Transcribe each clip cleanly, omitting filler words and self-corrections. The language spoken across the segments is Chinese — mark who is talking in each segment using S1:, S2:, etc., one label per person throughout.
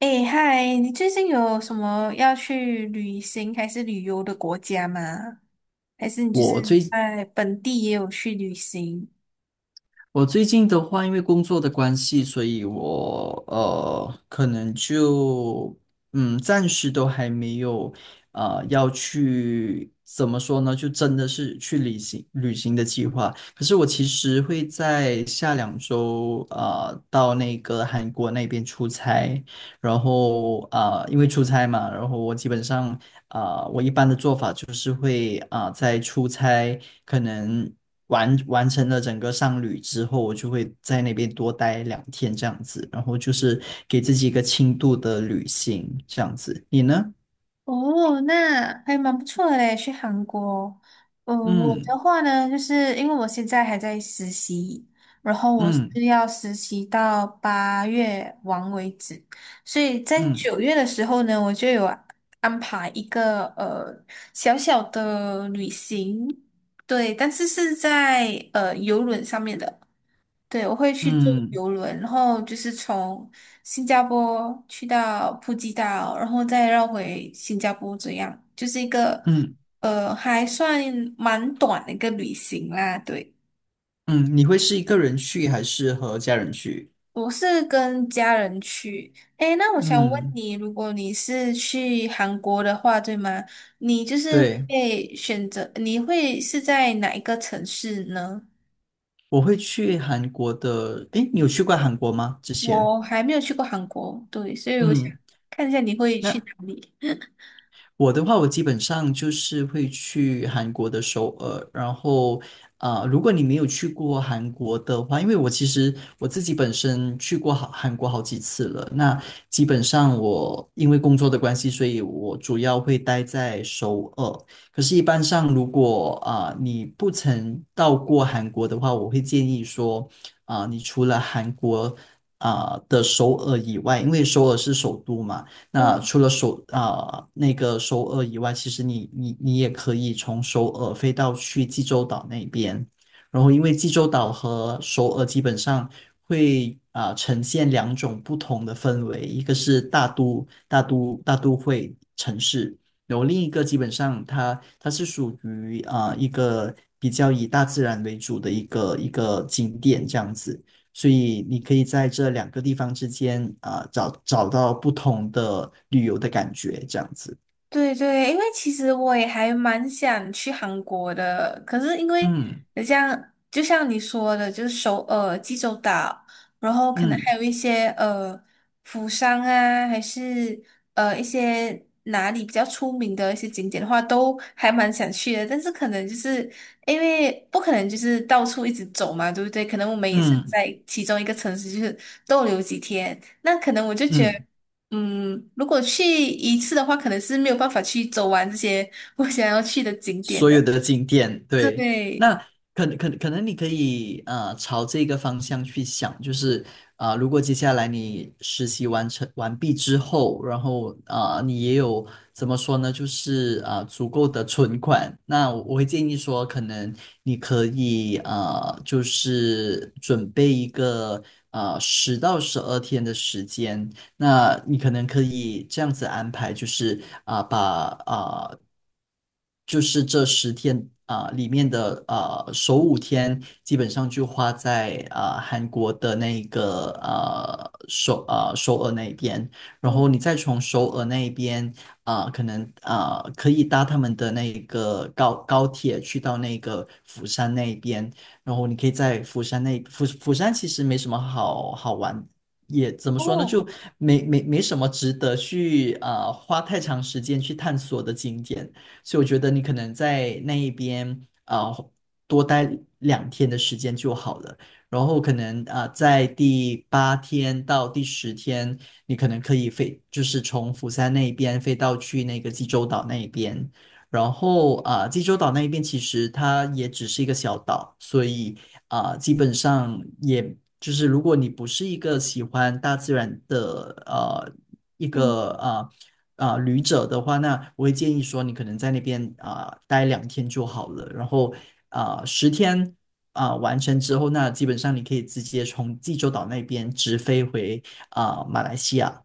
S1: 哎嗨，你最近有什么要去旅行还是旅游的国家吗？还是你就是
S2: 我最
S1: 在本地也有去旅行？
S2: 我最近的话，因为工作的关系，所以我可能就暂时都还没有要去怎么说呢，就真的是去旅行旅行的计划。可是我其实会在下两周到那个韩国那边出差，然后因为出差嘛，然后我基本上我一般的做法就是会在出差可能完成了整个商旅之后，我就会在那边多待两天这样子，然后就是给自己一个轻度的旅行这样子。你呢？
S1: 哦，那还蛮不错的嘞，去韩国。嗯，我
S2: 嗯
S1: 的话呢，就是因为我现在还在实习，然后我是
S2: 嗯
S1: 要实习到八月完为止，所以在
S2: 嗯
S1: 九月的时候呢，我就有安排一个小小的旅行，对，但是是在游轮上面的。对，我会去坐
S2: 嗯
S1: 游轮，然后就是从新加坡去到普吉岛，然后再绕回新加坡，这样就是一个
S2: 嗯
S1: 还算蛮短的一个旅行啦。对，
S2: 嗯，你会是一个人去还是和家人去？
S1: 我是跟家人去。诶，那我想问
S2: 嗯，
S1: 你，如果你是去韩国的话，对吗？你就是
S2: 对，
S1: 会选择，你会是在哪一个城市呢？
S2: 我会去韩国的。诶，你有去过韩国吗？之前？
S1: 我还没有去过韩国，对，所以我想
S2: 嗯。
S1: 看一下你会去
S2: 那
S1: 哪里。
S2: 我的话，我基本上就是会去韩国的首尔，然后如果你没有去过韩国的话，因为我其实我自己本身去过好韩国好几次了，那基本上我因为工作的关系，所以我主要会待在首尔。可是，一般上如果你不曾到过韩国的话，我会建议说你除了韩国。的首尔以外，因为首尔是首都嘛，那
S1: 嗯。
S2: 除了那个首尔以外，其实你也可以从首尔飞到去济州岛那边，然后因为济州岛和首尔基本上会呈现两种不同的氛围，一个是大都会城市，然后另一个基本上它是属于一个比较以大自然为主的一个景点这样子。所以你可以在这两个地方之间找到不同的旅游的感觉，这样子。
S1: 对对，因为其实我也还蛮想去韩国的，可是因为
S2: 嗯
S1: 你像就像你说的，就是首尔、济州岛，然后可能还
S2: 嗯
S1: 有一些釜山啊，还是一些哪里比较出名的一些景点的话，都还蛮想去的。但是可能就是因为不可能就是到处一直走嘛，对不对？可能我们也想
S2: 嗯
S1: 在其中一个城市就是逗留几天，那可能我就觉得。
S2: 嗯。
S1: 嗯，如果去一次的话，可能是没有办法去走完这些 我想要去的景点
S2: 所有
S1: 的。
S2: 的景点，对，
S1: 对，
S2: 那可能你可以啊朝这个方向去想，就是如果接下来你实习完毕之后，然后你也有怎么说呢，就是足够的存款，那我会建议说，可能你可以就是准备一个十到十二天的时间。那你可能可以这样子安排，就是把啊、就是这十天里面的首五天，基本上就花在韩国的那个首尔那边，然
S1: 嗯
S2: 后你再从首尔那边可能可以搭他们的那个高铁去到那个釜山那边，然后你可以在釜山其实没什么好玩也怎么说呢，
S1: 哦，
S2: 就没什么值得去花太长时间去探索的景点，所以我觉得你可能在那一边多待两天的时间就好了，然后可能在第八天到第十天，你可能可以飞，就是从釜山那一边飞到去那个济州岛那一边，然后济州岛那一边其实它也只是一个小岛，所以基本上也就是如果你不是一个喜欢大自然的一
S1: 嗯
S2: 个旅者的话，那我会建议说你可能在那边待两天就好了，然后十、天完成之后，那基本上你可以直接从济州岛那边直飞回马来西亚。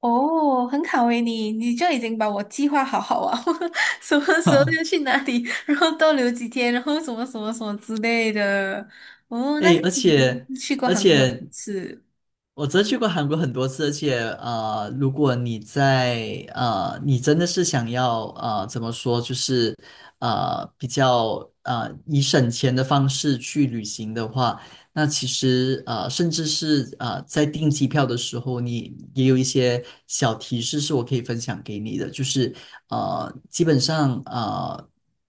S1: 哦，很好诶，你就已经把我计划好好啊，什么时候要去 哪里，然后逗留几天，然后什么什么什么之类的。哦，那
S2: 哎，而
S1: 你真
S2: 且
S1: 是去过
S2: 而
S1: 韩国很
S2: 且
S1: 多次。
S2: 我真去过韩国很多次，而且如果你在你真的是想要怎么说，就是比较以省钱的方式去旅行的话，那其实甚至是在订机票的时候，你也有一些小提示是我可以分享给你的，就是基本上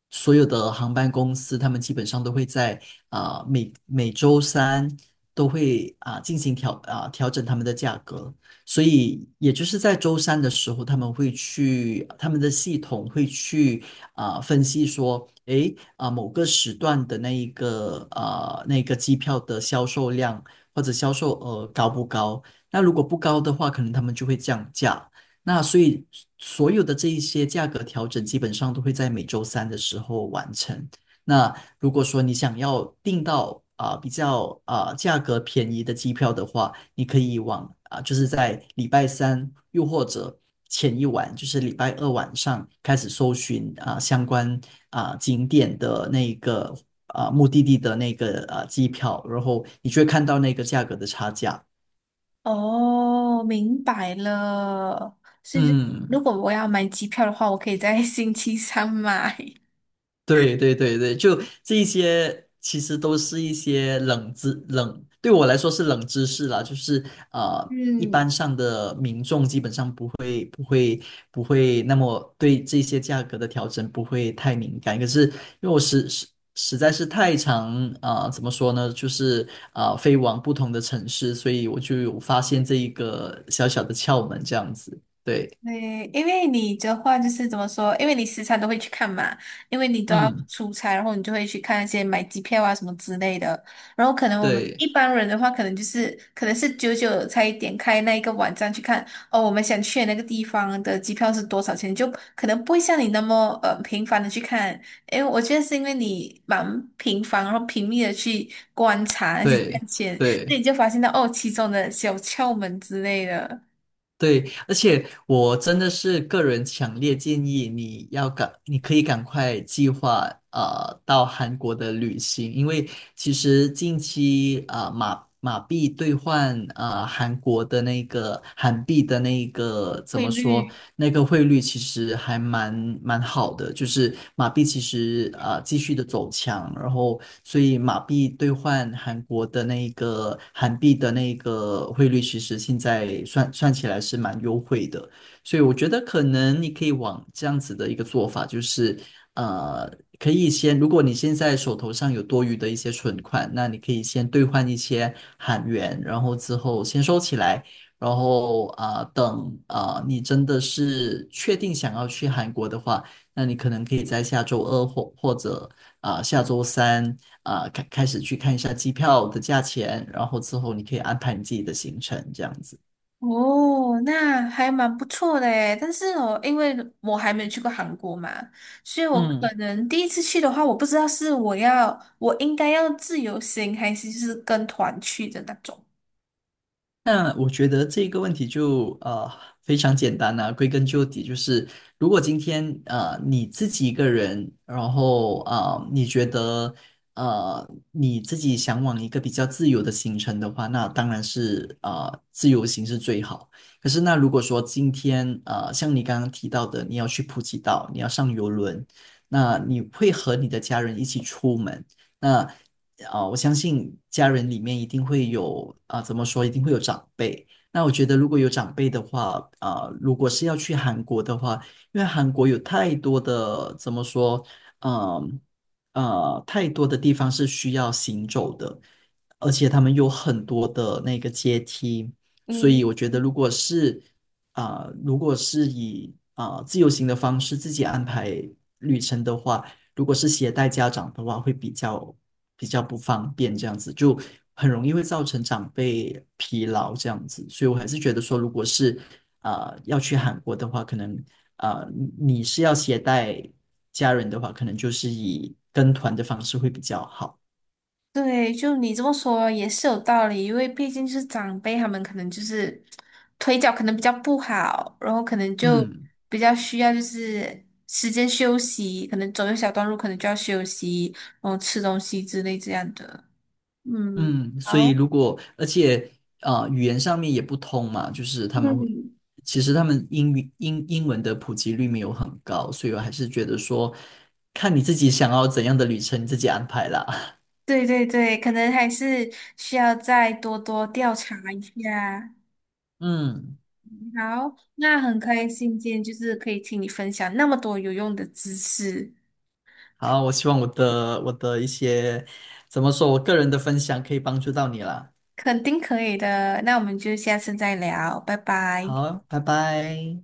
S2: 所有的航班公司他们基本上都会在呃每每周三都会进行调整他们的价格，所以也就是在周三的时候，他们会去他们的系统会去分析说，诶某个时段的那一个那个机票的销售量或者销售额高不高？那如果不高的话，可能他们就会降价。那所以所有的这一些价格调整，基本上都会在每周三的时候完成。那如果说你想要订到比较价格便宜的机票的话，你可以往就是在礼拜三又或者前一晚，就是礼拜二晚上开始搜寻相关景点的那个目的地的那个机票，然后你就会看到那个价格的差价。
S1: 哦，明白了。所以就，
S2: 嗯。
S1: 如果我要买机票的话，我可以在 星期三买。
S2: 对对对对，就这一些，其实都是一些冷知冷，对我来说是冷知识啦，就是一般
S1: 嗯，
S2: 上的民众基本上不会那么对这些价格的调整不会太敏感，可是因为我实在是太常怎么说呢，就是飞往不同的城市，所以我就有发现这一个小小的窍门这样子，对，
S1: 对，因为你的话就是怎么说？因为你时常都会去看嘛，因为你都要
S2: 嗯，
S1: 出差，然后你就会去看一些买机票啊什么之类的。然后可能我们一
S2: 对
S1: 般人的话，可能就是可能是久久才点开那一个网站去看哦，我们想去的那个地方的机票是多少钱，就可能不会像你那么频繁的去看。因为我觉得是因为你蛮频繁，然后频密的去观察那些价
S2: 对。
S1: 钱，所以
S2: 对
S1: 你就发现到哦其中的小窍门之类的
S2: 对，而且我真的是个人强烈建议你要赶，你可以赶快计划到韩国的旅行，因为其实近期马币兑换韩国的那个韩币的那个怎
S1: 汇
S2: 么说
S1: 率。
S2: 那个汇率其实还蛮好的，就是马币其实继续的走强，然后所以马币兑换韩国的那个韩币的那个汇率，其实现在算算起来是蛮优惠的，所以我觉得可能你可以往这样子的一个做法，就是呃可以先，如果你现在手头上有多余的一些存款，那你可以先兑换一些韩元，然后之后先收起来。然后等你真的是确定想要去韩国的话，那你可能可以在下周二或者下周三开始去看一下机票的价钱，然后之后你可以安排你自己的行程，这样子。
S1: 哦，那还蛮不错的诶，但是哦，因为我还没有去过韩国嘛，所以我可
S2: 嗯，
S1: 能第一次去的话，我不知道是我要我应该要自由行，还是就是跟团去的那种。
S2: 那我觉得这个问题就非常简单了、归根究底就是，如果今天你自己一个人，然后啊你觉得你自己想往一个比较自由的行程的话，那当然是啊自由行是最好。可是那如果说今天啊像你刚刚提到的，你要去普吉岛，你要上游轮，那你会和你的家人一起出门。那我相信家人里面一定会有怎么说，一定会有长辈。那我觉得如果有长辈的话，如果是要去韩国的话，因为韩国有太多的怎么说，嗯太多的地方是需要行走的，而且他们有很多的那个阶梯，所
S1: 嗯，
S2: 以我觉得如果是如果是以自由行的方式自己安排旅程的话，如果是携带家长的话，会比较不方便，这样子就很容易会造成长辈疲劳这样子。所以我还是觉得说，如果是要去韩国的话，可能呃你是要携带家人的话，可能就是以跟团的方式会比较好。
S1: 对，就你这么说也是有道理，因为毕竟就是长辈他们可能就是腿脚可能比较不好，然后可能就
S2: 嗯。
S1: 比较需要就是时间休息，可能走一小段路可能就要休息，然后吃东西之类这样的。嗯。
S2: 嗯，所以
S1: 好。
S2: 如果而且语言上面也不通嘛，就是他们会
S1: 嗯，
S2: 其实他们英语英英文的普及率没有很高，所以我还是觉得说，看你自己想要怎样的旅程，你自己安排啦。
S1: 对对对，可能还是需要再多多调查一下。
S2: 嗯，
S1: 好，那很开心今天就是可以听你分享那么多有用的知识，
S2: 好，我希望我的一些怎么说，我个人的分享可以帮助到你啦。
S1: 肯定可以的。那我们就下次再聊，拜拜。
S2: 好，拜拜。